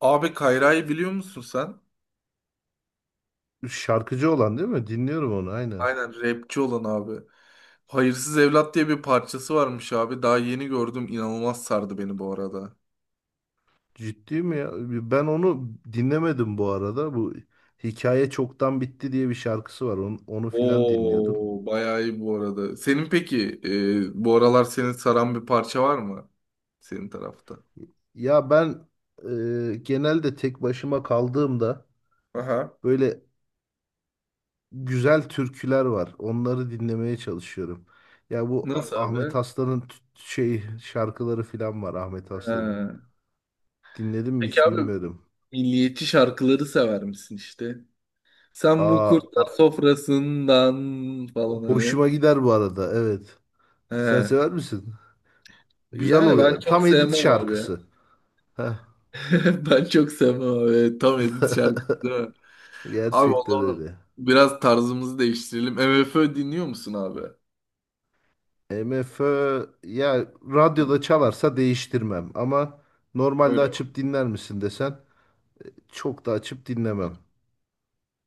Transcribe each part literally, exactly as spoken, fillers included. Abi Kayra'yı biliyor musun sen? Şarkıcı olan değil mi? Dinliyorum onu aynen. Aynen rapçi olan abi. Hayırsız Evlat diye bir parçası varmış abi. Daha yeni gördüm. İnanılmaz sardı beni bu arada. Ciddi mi ya? Ben onu dinlemedim bu arada. Bu Hikaye Çoktan Bitti diye bir şarkısı var. Onu, onu filan dinliyordum. Oo, bayağı iyi bu arada. Senin peki e, bu aralar seni saran bir parça var mı? Senin tarafta. Ya ben e, genelde tek başıma kaldığımda Aha. böyle güzel türküler var. Onları dinlemeye çalışıyorum. Ya bu Nasıl A- abi? Ahmet Aslan'ın t- şey şarkıları filan var Ahmet Ha. Aslan'ın. Dinledim mi Peki hiç abi bilmiyorum. milliyetçi şarkıları sever misin işte? Sen bu Aa, kurtlar a- sofrasından falan hani. hoşuma gider bu arada. Evet. He. Sen sever misin? Güzel Yani ben oluyor. çok Tam edit sevmem abi şarkısı. Heh, Ben çok sevmem abi. Tam edit şarkısı değil mi? Abi o gerçekten zaman öyle. biraz tarzımızı değiştirelim. MFÖ dinliyor musun abi? MFÖ ya Heh, radyoda çalarsa değiştirmem ama normalde öyle mi? açıp dinler misin desen çok da açıp dinlemem.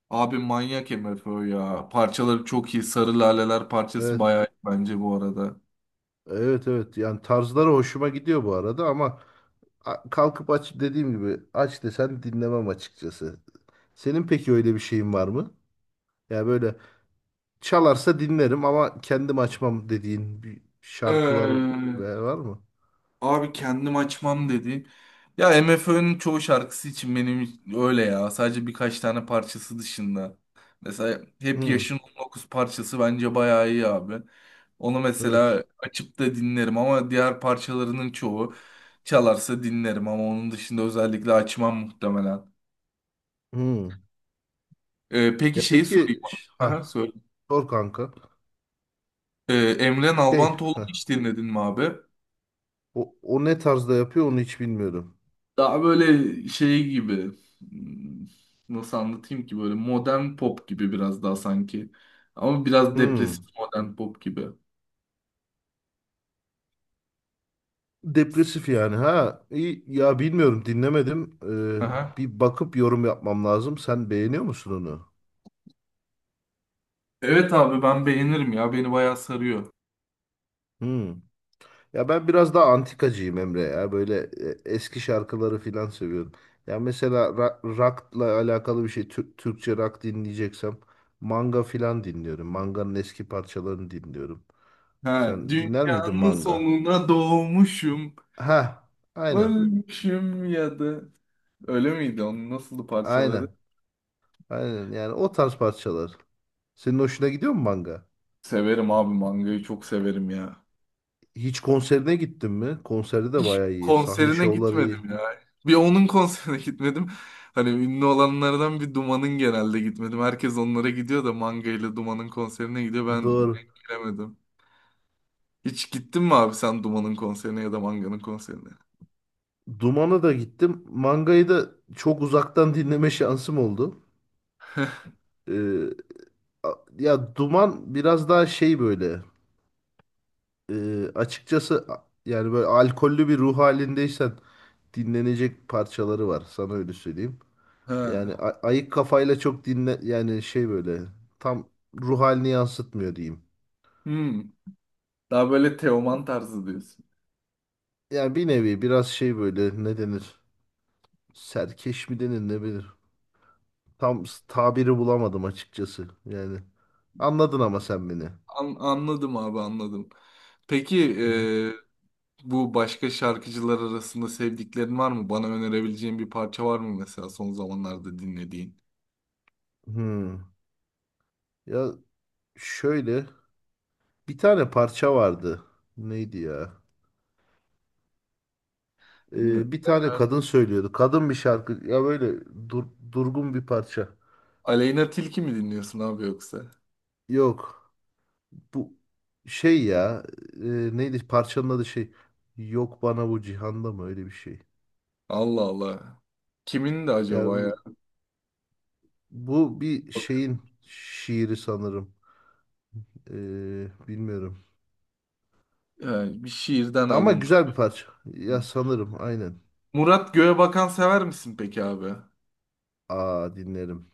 Abi manyak MFÖ ya. Parçaları çok iyi. Sarı Laleler parçası Evet. bayağı iyi bence bu arada. Evet, evet, yani tarzları hoşuma gidiyor bu arada, ama a- kalkıp aç dediğim gibi aç desen dinlemem açıkçası. Senin peki öyle bir şeyin var mı? Ya böyle çalarsa dinlerim ama kendim açmam dediğin bir şarkılar Ee, ve- var mı? Abi kendim açmam dedi. Ya MFÖ'nün çoğu şarkısı için benim öyle ya. Sadece birkaç tane parçası dışında. Mesela Hep Hı, Yaşın on dokuz parçası bence bayağı iyi abi. Onu evet. mesela açıp da dinlerim ama diğer parçalarının çoğu çalarsa dinlerim ama onun dışında özellikle açmam muhtemelen. Hı. Ee, peki Ya şeyi sorayım. peki, ş- ha, Aha, söyle. sor kanka. Ee, Emre Şey, Nalbantoğlu'nu ha, hiç dinledin mi abi? o, o ne tarzda yapıyor onu hiç bilmiyorum. Daha böyle şey gibi, hmm, nasıl anlatayım ki, böyle modern pop gibi biraz daha sanki. Ama biraz depresif Hmm. modern pop gibi. Depresif yani ha. İyi, ya bilmiyorum, dinlemedim. Ee, Aha. bir bakıp yorum yapmam lazım. Sen beğeniyor musun onu? Evet abi ben beğenirim ya. Beni bayağı sarıyor. Hmm. Ya ben biraz daha antikacıyım Emre ya. Böyle e, eski şarkıları filan seviyorum. Ya mesela ra- rock'la alakalı bir şey, Tür- Türkçe rock dinleyeceksem manga filan dinliyorum. Manga'nın eski parçalarını dinliyorum. Ha, Sen dinler miydin dünyanın manga? sonuna doğmuşum, Ha, aynen. ölmüşüm ya da öyle miydi? Onun nasıldı parçaları? Aynen, aynen. Yani o tarz parçalar. Senin hoşuna gidiyor mu manga? Severim abi, mangayı çok severim ya. Hiç konserine gittin mi? Konserde de bayağı iyi. Sahne Konserine şovları gitmedim iyi. ya. Bir onun konserine gitmedim. Hani ünlü olanlardan bir Duman'ın genelde gitmedim. Herkes onlara gidiyor da Manga ile Duman'ın konserine gidiyor. Ben Doğru. denk gelemedim. Hiç gittin mi abi sen Duman'ın konserine ya da Manga'nın konserine? Duman'a da gittim. Mangayı da çok uzaktan dinleme şansım oldu. Ee, a- ya, Duman biraz daha şey böyle. e, açıkçası, a- yani böyle alkollü bir ruh halindeysen dinlenecek parçaları var. Sana öyle söyleyeyim. Yani Ha. a- ayık kafayla çok dinle, yani şey böyle tam ruh halini yansıtmıyor diyeyim. Hmm. Daha böyle Teoman tarzı diyorsun. Yani bir nevi biraz şey böyle, ne denir? Serkeş mi denir, ne bilir. Tam s- tabiri bulamadım açıkçası. Yani anladın ama sen beni. Hı An- anladım abi, anladım. Peki hı. e, bu başka şarkıcılar arasında sevdiklerin var mı? Bana önerebileceğin bir parça var mı mesela, son zamanlarda dinlediğin? Hmm. Ya şöyle, bir tane parça vardı. Neydi ya? Ne? Ee, bir tane kadın söylüyordu. Kadın bir şarkı. Ya böyle dur- durgun bir parça. Aleyna Tilki mi dinliyorsun abi yoksa? Yok. Bu şey ya, e, neydi parçanın adı, şey, yok bana bu cihanda mı, öyle bir şey. Allah Allah. Kimin de Ya acaba ya? bu, bu bir Bak, şeyin şiiri sanırım. E, bilmiyorum. yani bir şiirden Ama alıntı. güzel bir parça. Ya sanırım, aynen. Murat Göğebakan sever misin peki abi? Aa, dinlerim.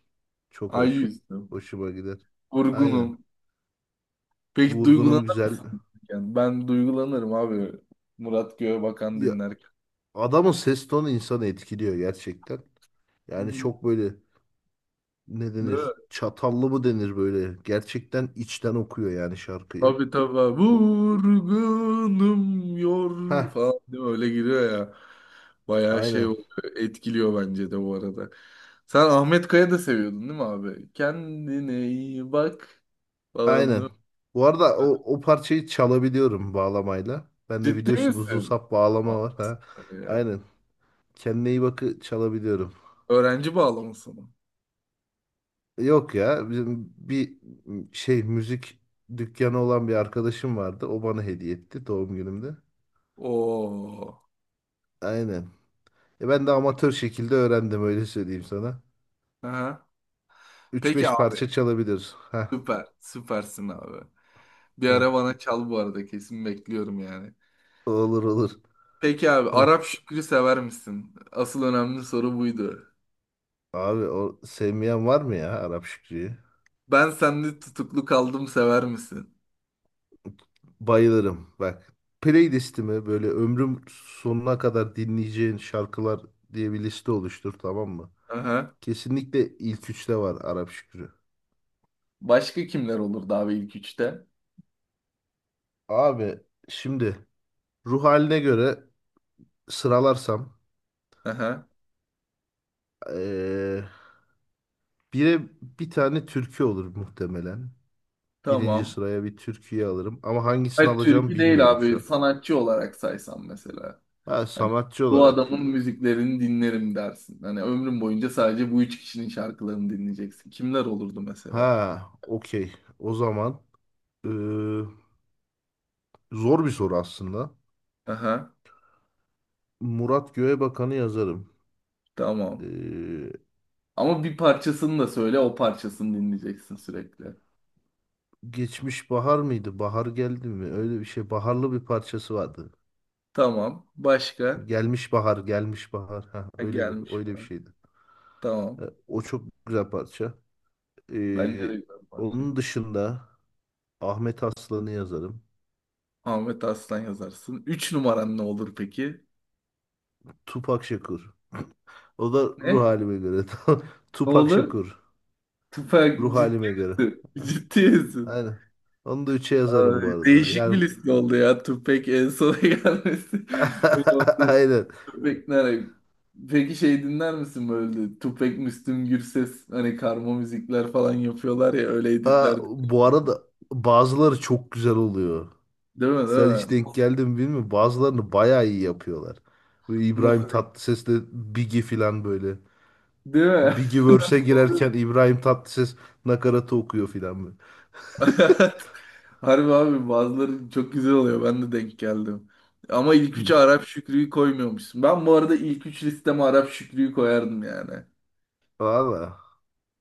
Çok Ay hoş. yüzdüm. Hoşuma gider. Aynen. Vurgunum. Peki Vurgunum duygulanırken. güzel. Ben duygulanırım abi. Murat Göğebakan Ya, dinlerken. adamın ses tonu insanı etkiliyor gerçekten. Hı Yani hı. çok böyle, ne Değil mi? denir? Çatallı mı denir böyle? Gerçekten içten okuyor yani şarkıyı. Tabii tabii. O, Vurgunum yorgun Ha, falan değil mi? Öyle giriyor ya. Bayağı şey aynen. oluyor, etkiliyor bence de bu arada. Sen Ahmet Kaya da seviyordun değil mi abi? Kendine iyi bak falan, değil Aynen. mi? Bu arada o, Sen- o parçayı çalabiliyorum bağlamayla. Ben de Ciddi biliyorsun, uzun misin? sap Vay bağlama var ha. be. Aynen. Kendine iyi bakı çalabiliyorum. Öğrenci bağlaması mı? Yok ya, bizim bir şey, müzik dükkanı olan bir arkadaşım vardı. O bana hediye etti doğum günümde. Oo. Aynen. E ben de amatör şekilde öğrendim, öyle söyleyeyim sana. Aha. Üç Peki beş abi. parça çalabiliriz. Ha. Süper. Süpersin abi. Bir Hı. ara bana çal bu arada. Kesin bekliyorum yani. Olur, olur. Peki abi, Hı. Arap Şükrü sever misin? Asıl önemli soru buydu. Abi, o sevmeyen var mı ya Arap Şükrü'yü? Ben Senli Tutuklu Kaldım sever misin? Bayılırım. Bak, playlistimi böyle "ömrüm sonuna kadar dinleyeceğin şarkılar" diye bir liste oluştur, tamam mı? Aha. Kesinlikle ilk üçte var Arap Şükrü. Başka kimler olurdu abi ilk üçte? Abi, şimdi ruh haline göre sıralarsam Aha. eee bire bir tane türkü olur muhtemelen. Birinci Tamam. sıraya bir türküyü alırım ama hangisini Hayır, alacağım türkü değil bilmiyorum şu abi, an. sanatçı olarak saysam mesela. Ha, Hani sanatçı bu olarak. adamın müziklerini dinlerim dersin. Hani ömrüm boyunca sadece bu üç kişinin şarkılarını dinleyeceksin. Kimler olurdu mesela? Ha, okey, o zaman eee, zor bir soru aslında. Aha. Murat Göğebakan'ı yazarım. Tamam. Ee, Ama bir parçasını da söyle, o parçasını dinleyeceksin sürekli. geçmiş bahar mıydı? Bahar geldi mi? Öyle bir şey. Baharlı bir parçası vardı. Tamam. Başka? Gelmiş bahar, gelmiş bahar. Ha, Ha, öyle bir, gelmiş öyle bir bana. şeydi. Ee, Tamam. o çok güzel parça. Bence Ee, de güzel bir parça. onun dışında Ahmet Aslan'ı yazarım. Ahmet Arslan yazarsın. Üç numaran ne olur peki? Tupak Şakur. O da ruh Ne? halime göre. Ne Tupak olur? Şakur. Ruh Tüfek, ciddi halime göre. misin? Ha, Ciddi misin? aynen. Onu da üçe yazarım bu Ay, arada. değişik Yani bir liste oldu ya. Tüpek en sona gelmesi. Orada aynen. Tüfek nereye? Peki şey dinler misin böyle? Tüfek, Müslüm Gürses hani karma müzikler falan yapıyorlar ya, öyle Aa, editler. bu arada bazıları çok güzel oluyor. Değil mi, değil Sen hiç mi? denk geldin mi bilmiyorum. Bazılarını bayağı iyi yapıyorlar. Bu İbrahim Nasıl? Tatlıses'le Biggie falan böyle. Değil mi? Biggie verse'e girerken Oluyordu. İbrahim Tatlıses nakaratı okuyor falan böyle. Harbi abi, bazıları çok güzel oluyor. Ben de denk geldim. Ama ilk Hı. üçe Arap Şükrü'yü koymuyormuşsun. Ben bu arada ilk üç listeme Arap Şükrü'yü koyardım yani. Valla.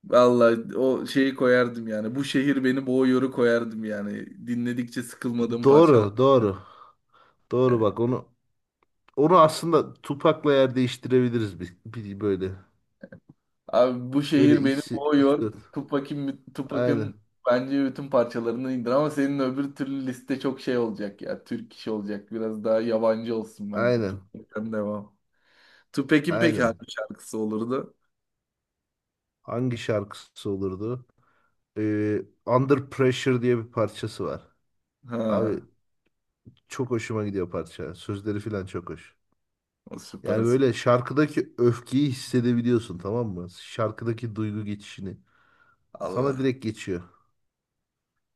Vallahi o şeyi koyardım yani. Bu Şehir Beni Boğuyor'u koyardım yani. Dinledikçe sıkılmadığım parçalar Doğru, doğru. Doğru, yani. bak, onu onu aslında Tupac'la yer değiştirebiliriz, bir, bir böyle. Abi, Bu Böyle Şehir Beni ikisi, üç Boğuyor. dört. Tupac'in Aynen. Tupac'ın bence bütün parçalarını indir ama senin öbür türlü liste çok şey olacak ya. Türk işi olacak. Biraz daha yabancı olsun bence. Aynen. Tupac'ten devam. Tupac'in peki Aynen. hangi şarkısı olurdu? Hangi şarkısı olurdu? Ee, Under Pressure diye bir parçası var. Abi, Ha, çok hoşuma gidiyor parça. Sözleri falan çok hoş. o Yani süpersin. böyle şarkıdaki öfkeyi hissedebiliyorsun, tamam mı? Şarkıdaki duygu geçişini. Sana Allah direkt geçiyor.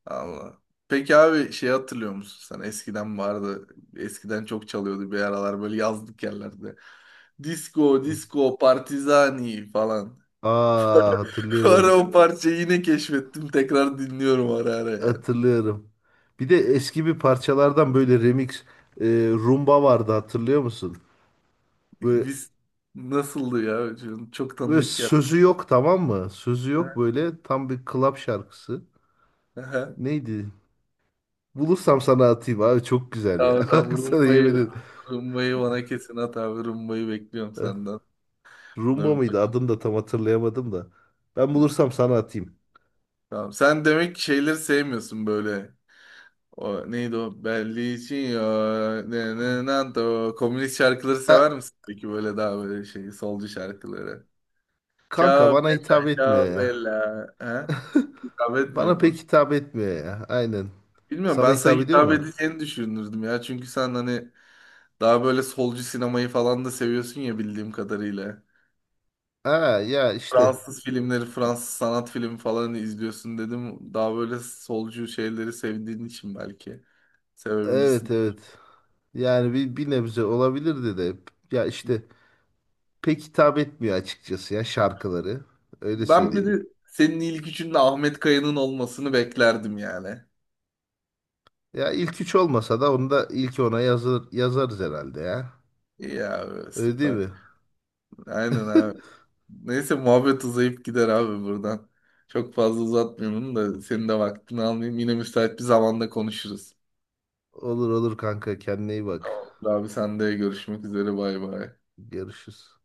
Allah. Peki abi, şey hatırlıyor musun sen? Eskiden vardı. Eskiden çok çalıyordu bir aralar böyle yazlık yerlerde. Disco, Hı. disco, partizani falan. Aa, Ara hatırlıyorum. o parçayı yine keşfettim. Tekrar dinliyorum ara ara yani. Hatırlıyorum. Bir de eski bir parçalardan böyle remix, e, rumba vardı, hatırlıyor musun? Böyle, Biz, nasıldı ya? Çok çok böyle tanıdık ya. sözü yok, tamam mı? Sözü yok, böyle tam bir club şarkısı. Aha. Neydi? Bulursam sana atayım abi, çok güzel ya. Tamam tamam, Bak, sana yemin rumbayı, ederim. rumbayı bana kesin at abi. Rumbayı bekliyorum Eh, senden. Buna Rumba bir mıydı? bak. Adını da tam hatırlayamadım da. Ben bulursam sana atayım. Tamam. Sen demek ki şeyleri sevmiyorsun böyle. O neydi o? Belli için ya. Ne ne ne o. Komünist şarkıları E, sever misin peki, böyle daha böyle şey, solcu şarkıları? kanka Ciao bana bella, hitap etmiyor ciao ya. bella. Ha? Hitap etmiyor Bana pek mu? hitap etmiyor ya. Aynen. Bilmiyorum, Sana ben sana hitap ediyor hitap mu? edeceğini düşünürdüm ya. Çünkü sen hani daha böyle solcu sinemayı falan da seviyorsun ya, bildiğim kadarıyla. Ha, ya işte. Fransız filmleri, Fransız sanat filmi falan izliyorsun dedim. Daha böyle solcu şeyleri sevdiğin için belki sevebilirsin. Evet, evet. Yani bir, bir nebze olabilirdi de. Ya işte, pek hitap etmiyor açıkçası ya şarkıları. Öyle Ben bir söyleyeyim. de senin ilk üçünde Ahmet Kaya'nın olmasını beklerdim yani. Ya ilk üç olmasa da onu da ilk ona yazır, yazarız herhalde ya. İyi abi, Öyle değil süper. mi? Aynen abi. Neyse, muhabbet uzayıp gider abi buradan. Çok fazla uzatmayalım da senin de vaktini almayayım. Yine müsait bir zamanda konuşuruz. Olur, olur kanka, kendine iyi bak. Tamam. Abi sen de görüşmek üzere, bay bay. Görüşürüz.